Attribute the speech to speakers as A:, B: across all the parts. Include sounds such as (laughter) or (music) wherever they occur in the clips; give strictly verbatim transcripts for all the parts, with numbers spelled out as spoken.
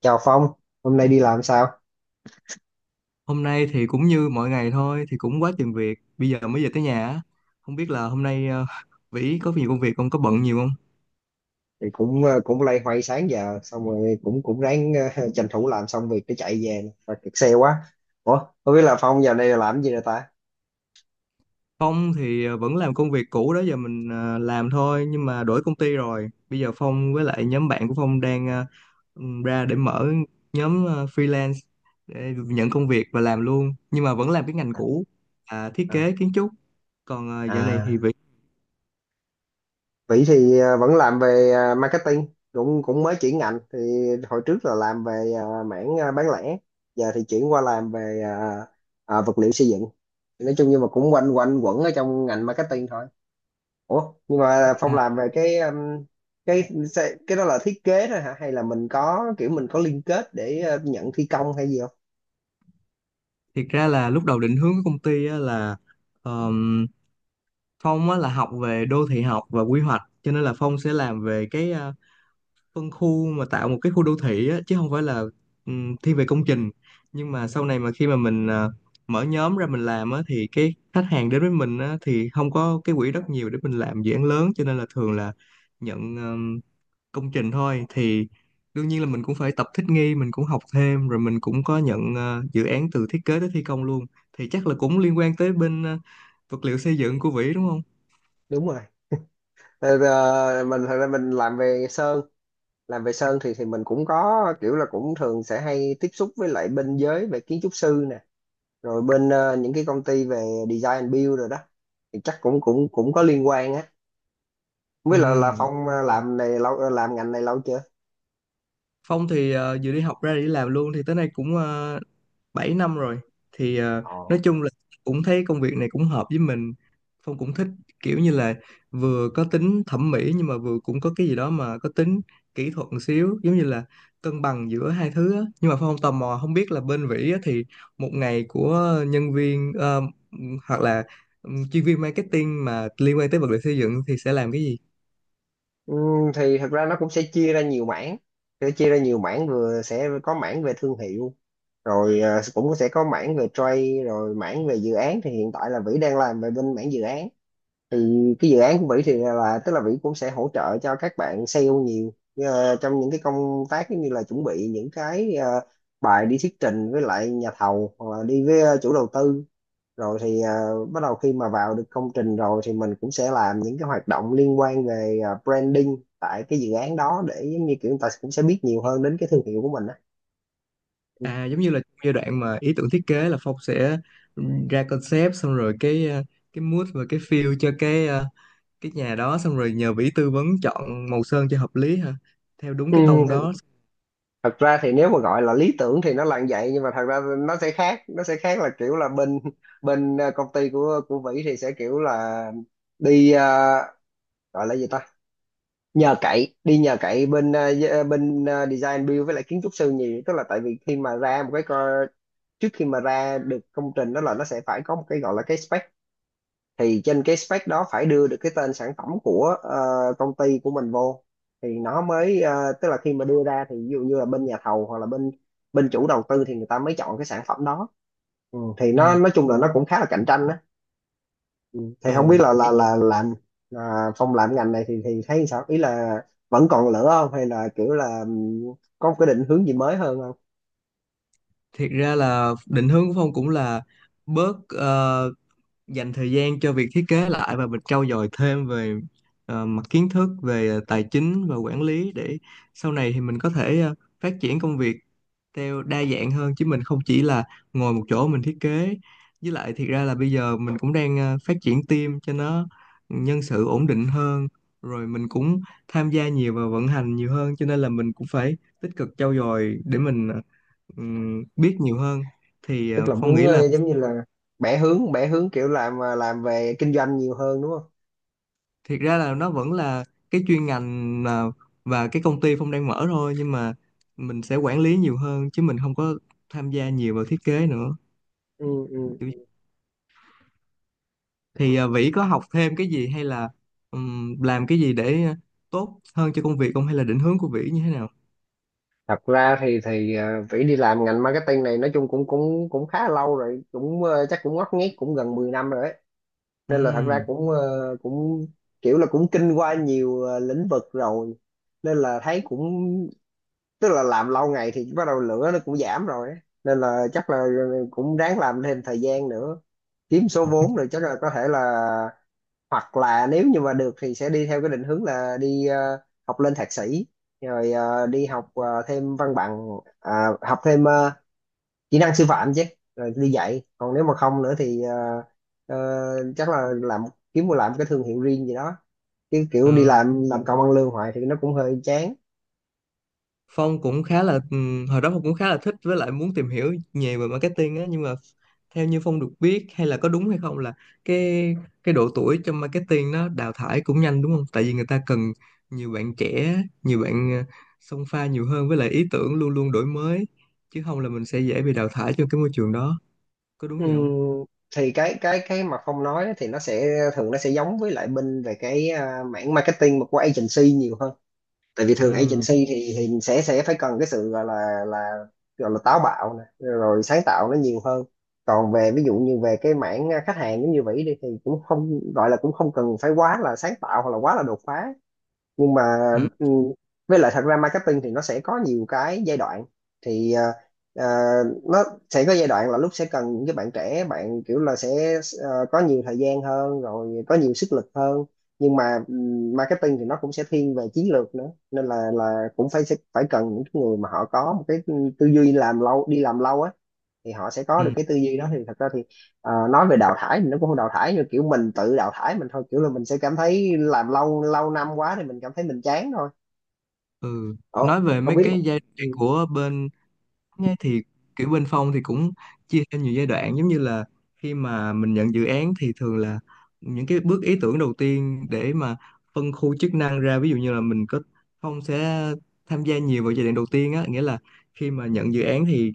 A: Chào Phong, hôm nay đi làm sao?
B: Hôm nay thì cũng như mọi ngày thôi, thì cũng quá chừng việc. Bây giờ mới về tới nhà á. Không biết là hôm nay ờ, (laughs) Vĩ có nhiều công việc không, có bận nhiều không?
A: Thì cũng ờ, cũng loay hoay sáng giờ xong rồi cũng cũng ráng ờ, (laughs) tranh thủ làm xong việc để chạy về nè. Và kẹt xe quá. Ủa, không biết là Phong giờ này là làm gì rồi ta?
B: Phong thì ờ, vẫn làm công việc cũ đó giờ mình ờ, làm thôi, nhưng mà đổi công ty rồi. Bây giờ Phong với lại nhóm bạn của Phong đang ờ, ừ, ra để mở nhóm ờ, freelance để nhận công việc và làm luôn. Nhưng mà vẫn làm cái ngành
A: À,
B: cũ, là thiết
A: à,
B: kế kiến trúc. Còn ờ, dạo này thì
A: à.
B: Vĩ,
A: Vĩ thì ờ, vẫn làm về ờ, marketing, cũng cũng mới chuyển ngành thì hồi trước là làm về ờ, mảng ờ, bán lẻ, giờ thì chuyển qua làm về ờ, ờ, vật liệu xây dựng. Nói chung nhưng mà cũng quanh quanh quẩn ở trong ngành marketing thôi. Ủa, nhưng mà Phong
B: à,
A: làm về cái um, cái sẽ- cái đó là thiết kế thôi hả? Hay là mình có kiểu mình có liên kết để uh, nhận thi công hay gì không?
B: thiệt ra là lúc đầu định hướng của công ty á là Phong á, là học về đô thị học và quy hoạch cho nên là Phong sẽ làm về cái à, phân khu mà tạo một cái khu đô thị á, chứ không phải là ừm, thiên về công trình, nhưng mà sau này mà khi mà mình à, mở nhóm ra mình làm á, thì cái khách hàng đến với mình á, thì không có cái quỹ đất nhiều để mình làm dự án lớn cho nên là thường là nhận ừm, công trình thôi thì đương nhiên là mình cũng phải tập thích nghi, mình cũng học thêm rồi mình cũng có nhận à, dự án từ thiết kế tới thi công luôn, thì chắc là cũng liên quan tới bên à, vật liệu xây dựng của Vĩ đúng không?
A: Đúng rồi. Ờ, ờ, mình thật ra mình làm về sơn, làm về sơn thì thì mình cũng có kiểu là cũng thường sẽ hay tiếp xúc với lại bên giới về kiến trúc sư nè, rồi bên ờ, những cái công ty về design and build rồi đó. Thì chắc cũng cũng cũng có liên quan á. Với lại là
B: Ừ,
A: Phong ờ, làm này lâu ờ, làm ngành này lâu chưa?
B: Phong thì ờ, vừa đi học ra để đi làm luôn thì tới nay cũng uh, bảy năm rồi, thì ờ,
A: Ồ.
B: nói chung là cũng thấy công việc này cũng hợp với mình. Phong cũng thích kiểu như là vừa có tính thẩm mỹ nhưng mà vừa cũng có cái gì đó mà có tính kỹ thuật một xíu, giống như là cân bằng giữa hai thứ á. Nhưng mà Phong tò mò không biết là bên Vĩ á, thì một ngày của nhân viên ờ, hoặc là ừ, chuyên viên marketing mà liên quan tới vật liệu xây dựng thì sẽ làm cái gì.
A: Ừ, thì thật ra nó cũng sẽ chia ra nhiều mảng, sẽ chia ra nhiều mảng vừa sẽ có mảng về thương hiệu, rồi ờ, cũng sẽ có mảng về trade, rồi mảng về dự án. Thì hiện tại là Vĩ đang làm về bên mảng dự án, thì cái dự án của Vĩ thì là tức là Vĩ cũng sẽ hỗ trợ cho các bạn sale nhiều. Ờ, trong những cái công tác giống như là chuẩn bị những cái ờ, bài đi thuyết trình với lại nhà thầu hoặc là đi với ờ, chủ đầu tư, rồi thì à, bắt đầu khi mà vào được công trình rồi thì mình cũng sẽ làm những cái hoạt động liên quan về à, branding tại cái dự án đó, để giống như kiểu người ta cũng sẽ biết nhiều hơn đến cái thương hiệu của mình á. Ừ.
B: À giống như là giai đoạn mà ý tưởng thiết kế là Phong sẽ ra concept xong rồi cái ờ, cái mood và cái feel cho cái ờ, cái nhà đó xong rồi nhờ vĩ tư vấn chọn màu sơn cho hợp lý ha, theo đúng
A: Ừ,
B: cái tông
A: th-
B: đó.
A: thật ra thì nếu mà gọi là lý tưởng thì nó là như vậy, nhưng mà thật ra nó sẽ khác. Nó sẽ khác là kiểu là bên bên à, công ty của của Vĩ thì sẽ kiểu là đi, à, gọi là gì ta, nhờ cậy, đi nhờ cậy bên à, d- à, bên à, design build với lại kiến trúc sư nhiều. Tức là tại vì khi mà ra một cái, trước khi mà ra được công trình đó là nó sẽ phải có một cái gọi là cái spec, thì trên cái spec đó phải đưa được cái tên sản phẩm của ờ, công ty của mình vô thì nó mới ờ, tức là khi mà đưa ra thì ví dụ như là bên nhà thầu hoặc là bên bên chủ đầu tư thì người ta mới chọn cái sản phẩm đó. Ừ. Thì nó
B: Ừ.
A: nói chung là nó cũng khá là cạnh tranh đó. Ừ. Thì không biết
B: Ừ,
A: là là là làm, à, Phong làm ngành này thì thì thấy sao, ý là vẫn còn lửa không hay là kiểu là, ừ, có một cái định hướng gì mới hơn không?
B: thiệt ra là định hướng của Phong cũng là bớt ờ, dành thời gian cho việc thiết kế lại và mình trau dồi thêm về ờ, mặt kiến thức về ờ, tài chính và quản lý, để sau này thì mình có thể ờ, phát triển công việc theo đa dạng hơn chứ mình không chỉ là ngồi một chỗ mình thiết kế. Với lại thiệt ra là bây giờ mình cũng đang ờ, phát triển team cho nó nhân sự ổn định hơn, rồi mình cũng tham gia nhiều vào vận hành nhiều hơn cho nên là mình cũng phải tích cực trau dồi để mình ờ, ừm, biết nhiều hơn. Thì ờ,
A: Tức là
B: Phong
A: muốn
B: nghĩ là
A: ờ, giống như là bẻ hướng bẻ hướng kiểu làm ờ, làm về kinh doanh nhiều hơn đúng không?
B: thiệt ra là nó vẫn là cái chuyên ngành mà và cái công ty Phong đang mở thôi, nhưng mà mình sẽ quản lý nhiều hơn chứ mình không có tham gia nhiều vào thiết kế nữa.
A: Ừ, ừ.
B: Thì à, Vĩ có học thêm cái gì hay là ừm, làm cái gì để à, tốt hơn cho công việc không, hay là định hướng của Vĩ như thế nào?
A: Thật ra thì thì ờ, Vĩ đi làm ngành marketing này nói chung cũng cũng cũng khá lâu rồi, cũng ờ, chắc cũng ngót nghét cũng gần mười năm rồi đấy. Nên là thật ra
B: Ừm,
A: cũng ờ, cũng kiểu là cũng kinh qua nhiều ờ, lĩnh vực rồi, nên là thấy cũng, tức là làm lâu ngày thì bắt đầu lửa nó cũng giảm rồi ấy. Nên là chắc là à, cũng ráng làm thêm thời gian nữa, kiếm số vốn rồi chắc là có thể là, hoặc là nếu như mà được thì sẽ đi theo cái định hướng là đi ờ, học lên thạc sĩ, rồi ờ, đi học ờ, thêm văn bằng, à, học thêm ờ, kỹ năng sư phạm chứ, rồi đi dạy. Còn nếu mà không nữa thì ờ, ờ, chắc là làm, kiếm một làm cái thương hiệu riêng gì đó, chứ kiểu đi
B: ờ.
A: làm làm công ăn lương hoài thì nó cũng hơi chán.
B: Phong cũng khá là ừm, hồi đó Phong cũng khá là thích với lại muốn tìm hiểu nhiều về marketing á, nhưng mà theo như Phong được biết hay là có đúng hay không là cái cái độ tuổi trong marketing nó đào thải cũng nhanh đúng không? Tại vì người ta cần nhiều bạn trẻ, nhiều bạn ờ, xông pha nhiều hơn với lại ý tưởng luôn luôn đổi mới, chứ không là mình sẽ dễ bị đào thải trong cái môi trường đó. Có đúng vậy
A: Ừm,
B: không?
A: thì cái cái cái mà Phong nói thì nó sẽ thường nó sẽ giống với lại bên về cái ờ, mảng marketing mà của agency nhiều hơn. Tại vì thường
B: Ừ,
A: agency thì thì sẽ sẽ phải cần cái sự gọi là là gọi là táo bạo nè, rồi sáng tạo nó nhiều hơn. Còn về ví dụ như về cái mảng à, khách hàng giống như vậy đi thì cũng không gọi là, cũng không cần phải quá là sáng tạo hoặc là quá là đột phá. Nhưng mà,
B: ừ,
A: ừ, với lại thật ra marketing thì nó sẽ có nhiều cái giai đoạn. Thì ờ, ờ, nó sẽ có giai đoạn là lúc sẽ cần những cái bạn trẻ, bạn kiểu là sẽ ờ, có nhiều thời gian hơn rồi có nhiều sức lực hơn. Nhưng mà, ừ, marketing thì nó cũng sẽ thiên về chiến lược nữa, nên là là cũng phải, phải cần những cái người mà họ có một cái tư duy làm lâu, đi làm lâu á, thì họ sẽ có được
B: ừ.
A: cái tư duy đó. Thì thật ra thì ờ, nói về đào thải thì nó cũng không đào thải như kiểu mình tự đào thải mình thôi, kiểu là mình sẽ cảm thấy làm lâu lâu năm quá thì mình cảm thấy mình chán thôi.
B: Ừ.
A: Ồ,
B: Nói về
A: không
B: mấy
A: biết.
B: cái giai đoạn
A: Ừ.
B: của bên. Nghe thì kiểu bên Phong thì cũng chia theo nhiều giai đoạn, giống như là khi mà mình nhận dự án thì thường là những cái bước ý tưởng đầu tiên để mà phân khu chức năng ra, ví dụ như là mình có Phong sẽ tham gia nhiều vào giai đoạn đầu tiên á, nghĩa là khi mà nhận dự án thì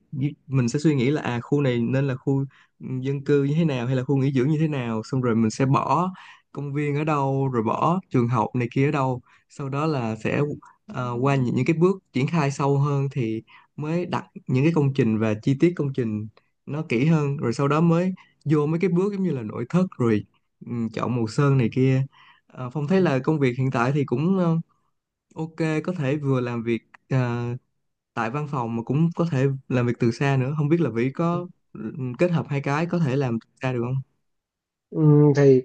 B: mình sẽ suy nghĩ là à khu này nên là khu dân cư như thế nào hay là khu nghỉ dưỡng như thế nào, xong rồi mình sẽ bỏ công viên ở đâu rồi bỏ trường học này kia ở đâu, sau đó là sẽ ờ, qua những, những cái bước triển khai sâu hơn thì mới đặt những cái công trình và chi tiết công trình nó kỹ hơn, rồi sau đó mới vô mấy cái bước giống như là nội thất rồi ừ, chọn màu sơn này kia. Ờ, Phong thấy là công việc hiện tại thì cũng ờ, ok, có thể vừa làm việc ờ, tại văn phòng mà cũng có thể làm việc từ xa nữa, không biết là Vĩ có ừ, kết hợp hai cái có thể làm từ xa được không.
A: Ừ, thì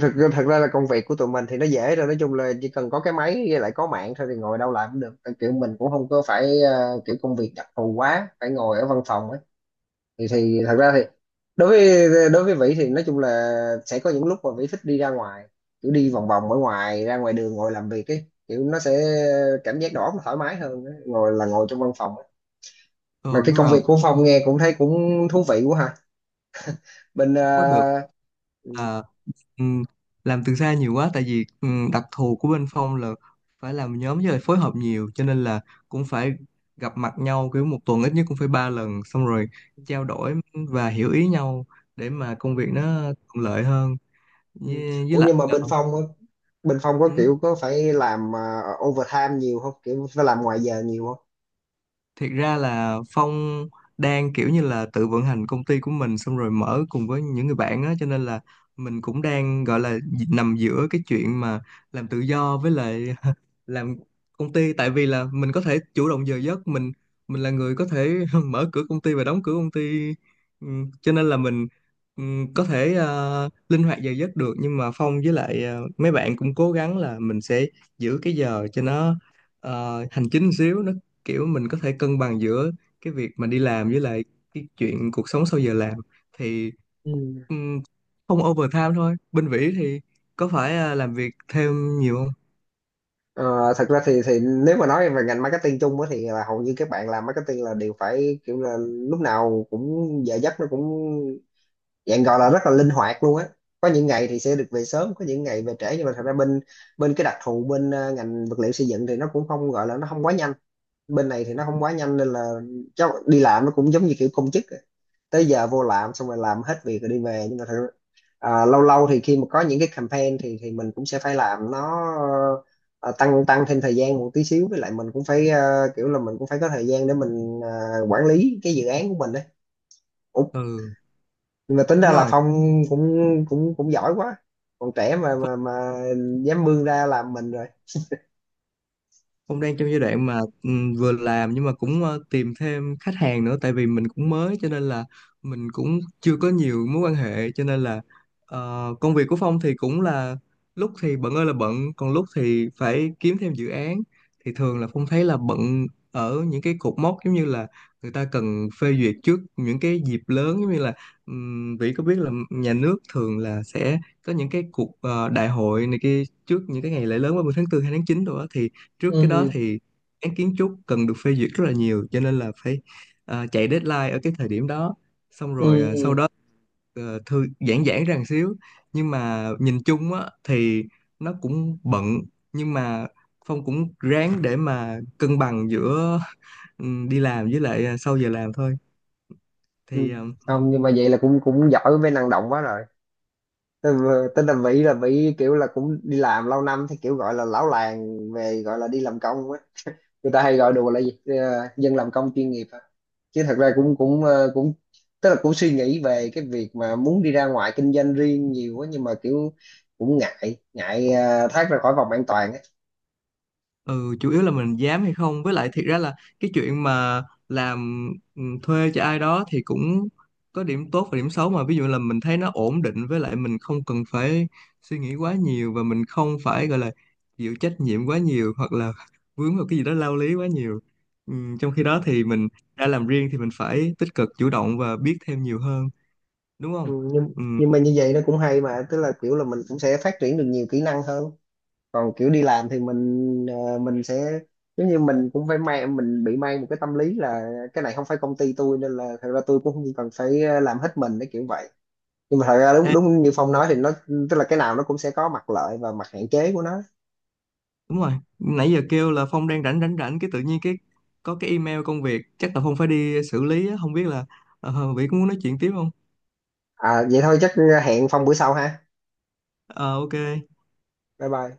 A: thật, thật ra là công việc của tụi mình thì nó dễ rồi, nói chung là chỉ cần có cái máy với lại có mạng thôi thì ngồi đâu làm cũng được. Kiểu mình cũng không có phải ờ, kiểu công việc đặc thù quá phải ngồi ở văn phòng. Thì thì thật ra thì đối với đối với Vĩ thì nói chung là sẽ có những lúc mà Vĩ thích đi ra ngoài, kiểu đi vòng vòng ở ngoài, ra ngoài đường ngồi làm việc ấy, kiểu nó sẽ cảm giác đầu óc nó thoải mái hơn á, ngồi là ngồi trong văn phòng á.
B: Ờ
A: Mà cái
B: nhưng
A: công việc
B: mà
A: của Phong nghe cũng thấy cũng thú vị quá ha. Bên
B: có được.
A: ờ, ừ,
B: Ừ, làm từ xa nhiều quá tại vì ừ, đặc thù của bên Phong là phải làm nhóm với lại phối hợp nhiều cho nên là cũng phải gặp mặt nhau kiểu một tuần ít nhất cũng phải ba lần, xong rồi trao đổi và hiểu ý nhau để mà công việc nó thuận lợi hơn,
A: ừ.
B: với, với
A: Ủa
B: lại
A: nhưng mà bên Phong á, bên Phong có
B: ừ.
A: kiểu có phải làm ờ, overtime nhiều không, kiểu phải làm ngoài giờ nhiều không?
B: Thiệt ra là Phong đang kiểu như là tự vận hành công ty của mình xong rồi mở cùng với những người bạn á, cho nên là mình cũng đang gọi là nằm giữa cái chuyện mà làm tự do với lại (laughs) làm công ty, tại vì là mình có thể chủ động giờ giấc mình mình là người có thể (laughs) mở cửa công ty và đóng cửa công ty. Ừ, cho nên là mình ừ, có thể ờ, linh hoạt giờ giấc được, nhưng mà Phong với lại ờ, mấy bạn cũng cố gắng là mình sẽ giữ cái giờ cho nó ờ, hành chính xíu, nó kiểu mình có thể cân bằng giữa cái việc mà đi làm với lại cái chuyện cuộc sống sau giờ làm. Thì
A: Ừ.
B: ừm, không overtime thôi, bên Vĩ thì có phải à, làm việc thêm nhiều không?
A: Ờ, thật ra thì thì nếu mà nói về ngành marketing chung á thì là hầu như các bạn làm marketing là đều phải kiểu là lúc nào cũng giờ giấc nó cũng dạng gọi là rất là linh hoạt luôn á. Có những ngày thì sẽ được về sớm, có những ngày về trễ. Nhưng mà thật ra bên bên cái đặc thù bên ờ, ngành vật liệu xây dựng thì nó cũng không gọi là, nó không quá nhanh. Bên này thì nó không quá nhanh nên là cháu đi làm nó cũng giống như kiểu công chức, tới giờ vô làm xong rồi làm hết việc rồi đi về. Nhưng mà thật, à, lâu lâu thì khi mà có những cái campaign thì thì mình cũng sẽ phải làm nó ờ, tăng tăng thêm thời gian một tí xíu. Với lại mình cũng phải ờ, kiểu là mình cũng phải có thời gian để mình ờ, quản lý cái dự án của mình đấy. Ủa,
B: Ừ
A: nhưng mà tính ra
B: đúng
A: là
B: rồi,
A: Phong cũng cũng cũng giỏi quá, còn trẻ mà mà mà dám bươn ra làm mình rồi.
B: cũng đang trong giai đoạn mà ừm, vừa làm nhưng mà cũng ờ, tìm thêm khách hàng nữa, tại vì mình cũng mới cho nên là mình cũng chưa có nhiều mối quan hệ, cho nên là ờ, công việc của Phong thì cũng là lúc thì bận ơi là bận, còn lúc thì phải kiếm thêm dự án. Thì thường là Phong thấy là bận ở những cái cột mốc giống như là người ta cần phê duyệt trước những cái dịp lớn, giống như là um, Vĩ có biết là nhà nước thường là sẽ có những cái cuộc ờ, đại hội này kia trước những cái ngày lễ lớn ba mươi tháng tư, hay tháng chín rồi á, thì trước cái đó
A: Ừ,
B: thì án kiến trúc cần được phê duyệt rất là nhiều, cho nên là phải à, chạy deadline ở cái thời điểm đó, xong
A: ừ,
B: rồi
A: ừ.
B: à, sau
A: Ừ.
B: đó ờ, thư giãn giãn ra một xíu. Nhưng mà nhìn chung á thì nó cũng bận, nhưng mà Phong cũng ráng để mà cân bằng giữa ừ, đi làm với lại à, sau giờ làm thôi.
A: Ừ.
B: Thì ờ,
A: Không, nhưng mà vậy là cũng cũng giỏi với năng động quá rồi. Tên là Vĩ là Vĩ kiểu là cũng đi làm lâu năm thì kiểu gọi là lão làng về, gọi là đi làm công á, người ta hay gọi đùa là gì. Ờ, dân làm công chuyên nghiệp á. Chứ thật ra cũng cũng ờ, cũng tức là cũng suy nghĩ về cái việc mà muốn đi ra ngoài kinh doanh riêng nhiều quá, nhưng mà kiểu cũng ngại ngại ờ, thoát ra khỏi vòng an toàn á.
B: ừ, chủ yếu là mình dám hay không, với lại thiệt ra là cái chuyện mà làm ừ, thuê cho ai đó thì cũng có điểm tốt và điểm xấu. Mà ví dụ là mình thấy nó ổn định với lại mình không cần phải suy nghĩ quá nhiều, và mình không phải gọi là chịu trách nhiệm quá nhiều hoặc là (laughs) vướng vào cái gì đó lao lý quá nhiều ừ, trong khi đó thì mình đã làm riêng thì mình phải tích cực chủ động và biết thêm nhiều hơn, đúng
A: Ừ,
B: không?
A: nhưng
B: Ừ,
A: nhưng mà như vậy nó cũng hay mà, tức là kiểu là mình cũng sẽ phát triển được nhiều kỹ năng hơn. Còn kiểu đi làm thì mình ờ, mình sẽ giống như mình cũng phải mang, mình bị mang một cái tâm lý là cái này không phải công ty tôi, nên là thật ra tôi cũng không cần phải ờ, làm hết mình để kiểu vậy. Nhưng mà thật ra đúng đúng như Phong nói thì nó tức là cái nào nó cũng sẽ có mặt lợi và mặt hạn chế của nó.
B: đúng rồi. Nãy giờ kêu là Phong đang rảnh rảnh rảnh cái tự nhiên cái có cái email công việc, chắc là Phong phải đi xử lý á. Không biết là ờ, Vĩ có muốn nói chuyện tiếp không?
A: À vậy thôi, chắc hẹn Phong bữa sau ha.
B: Ờ ok
A: Bye bye.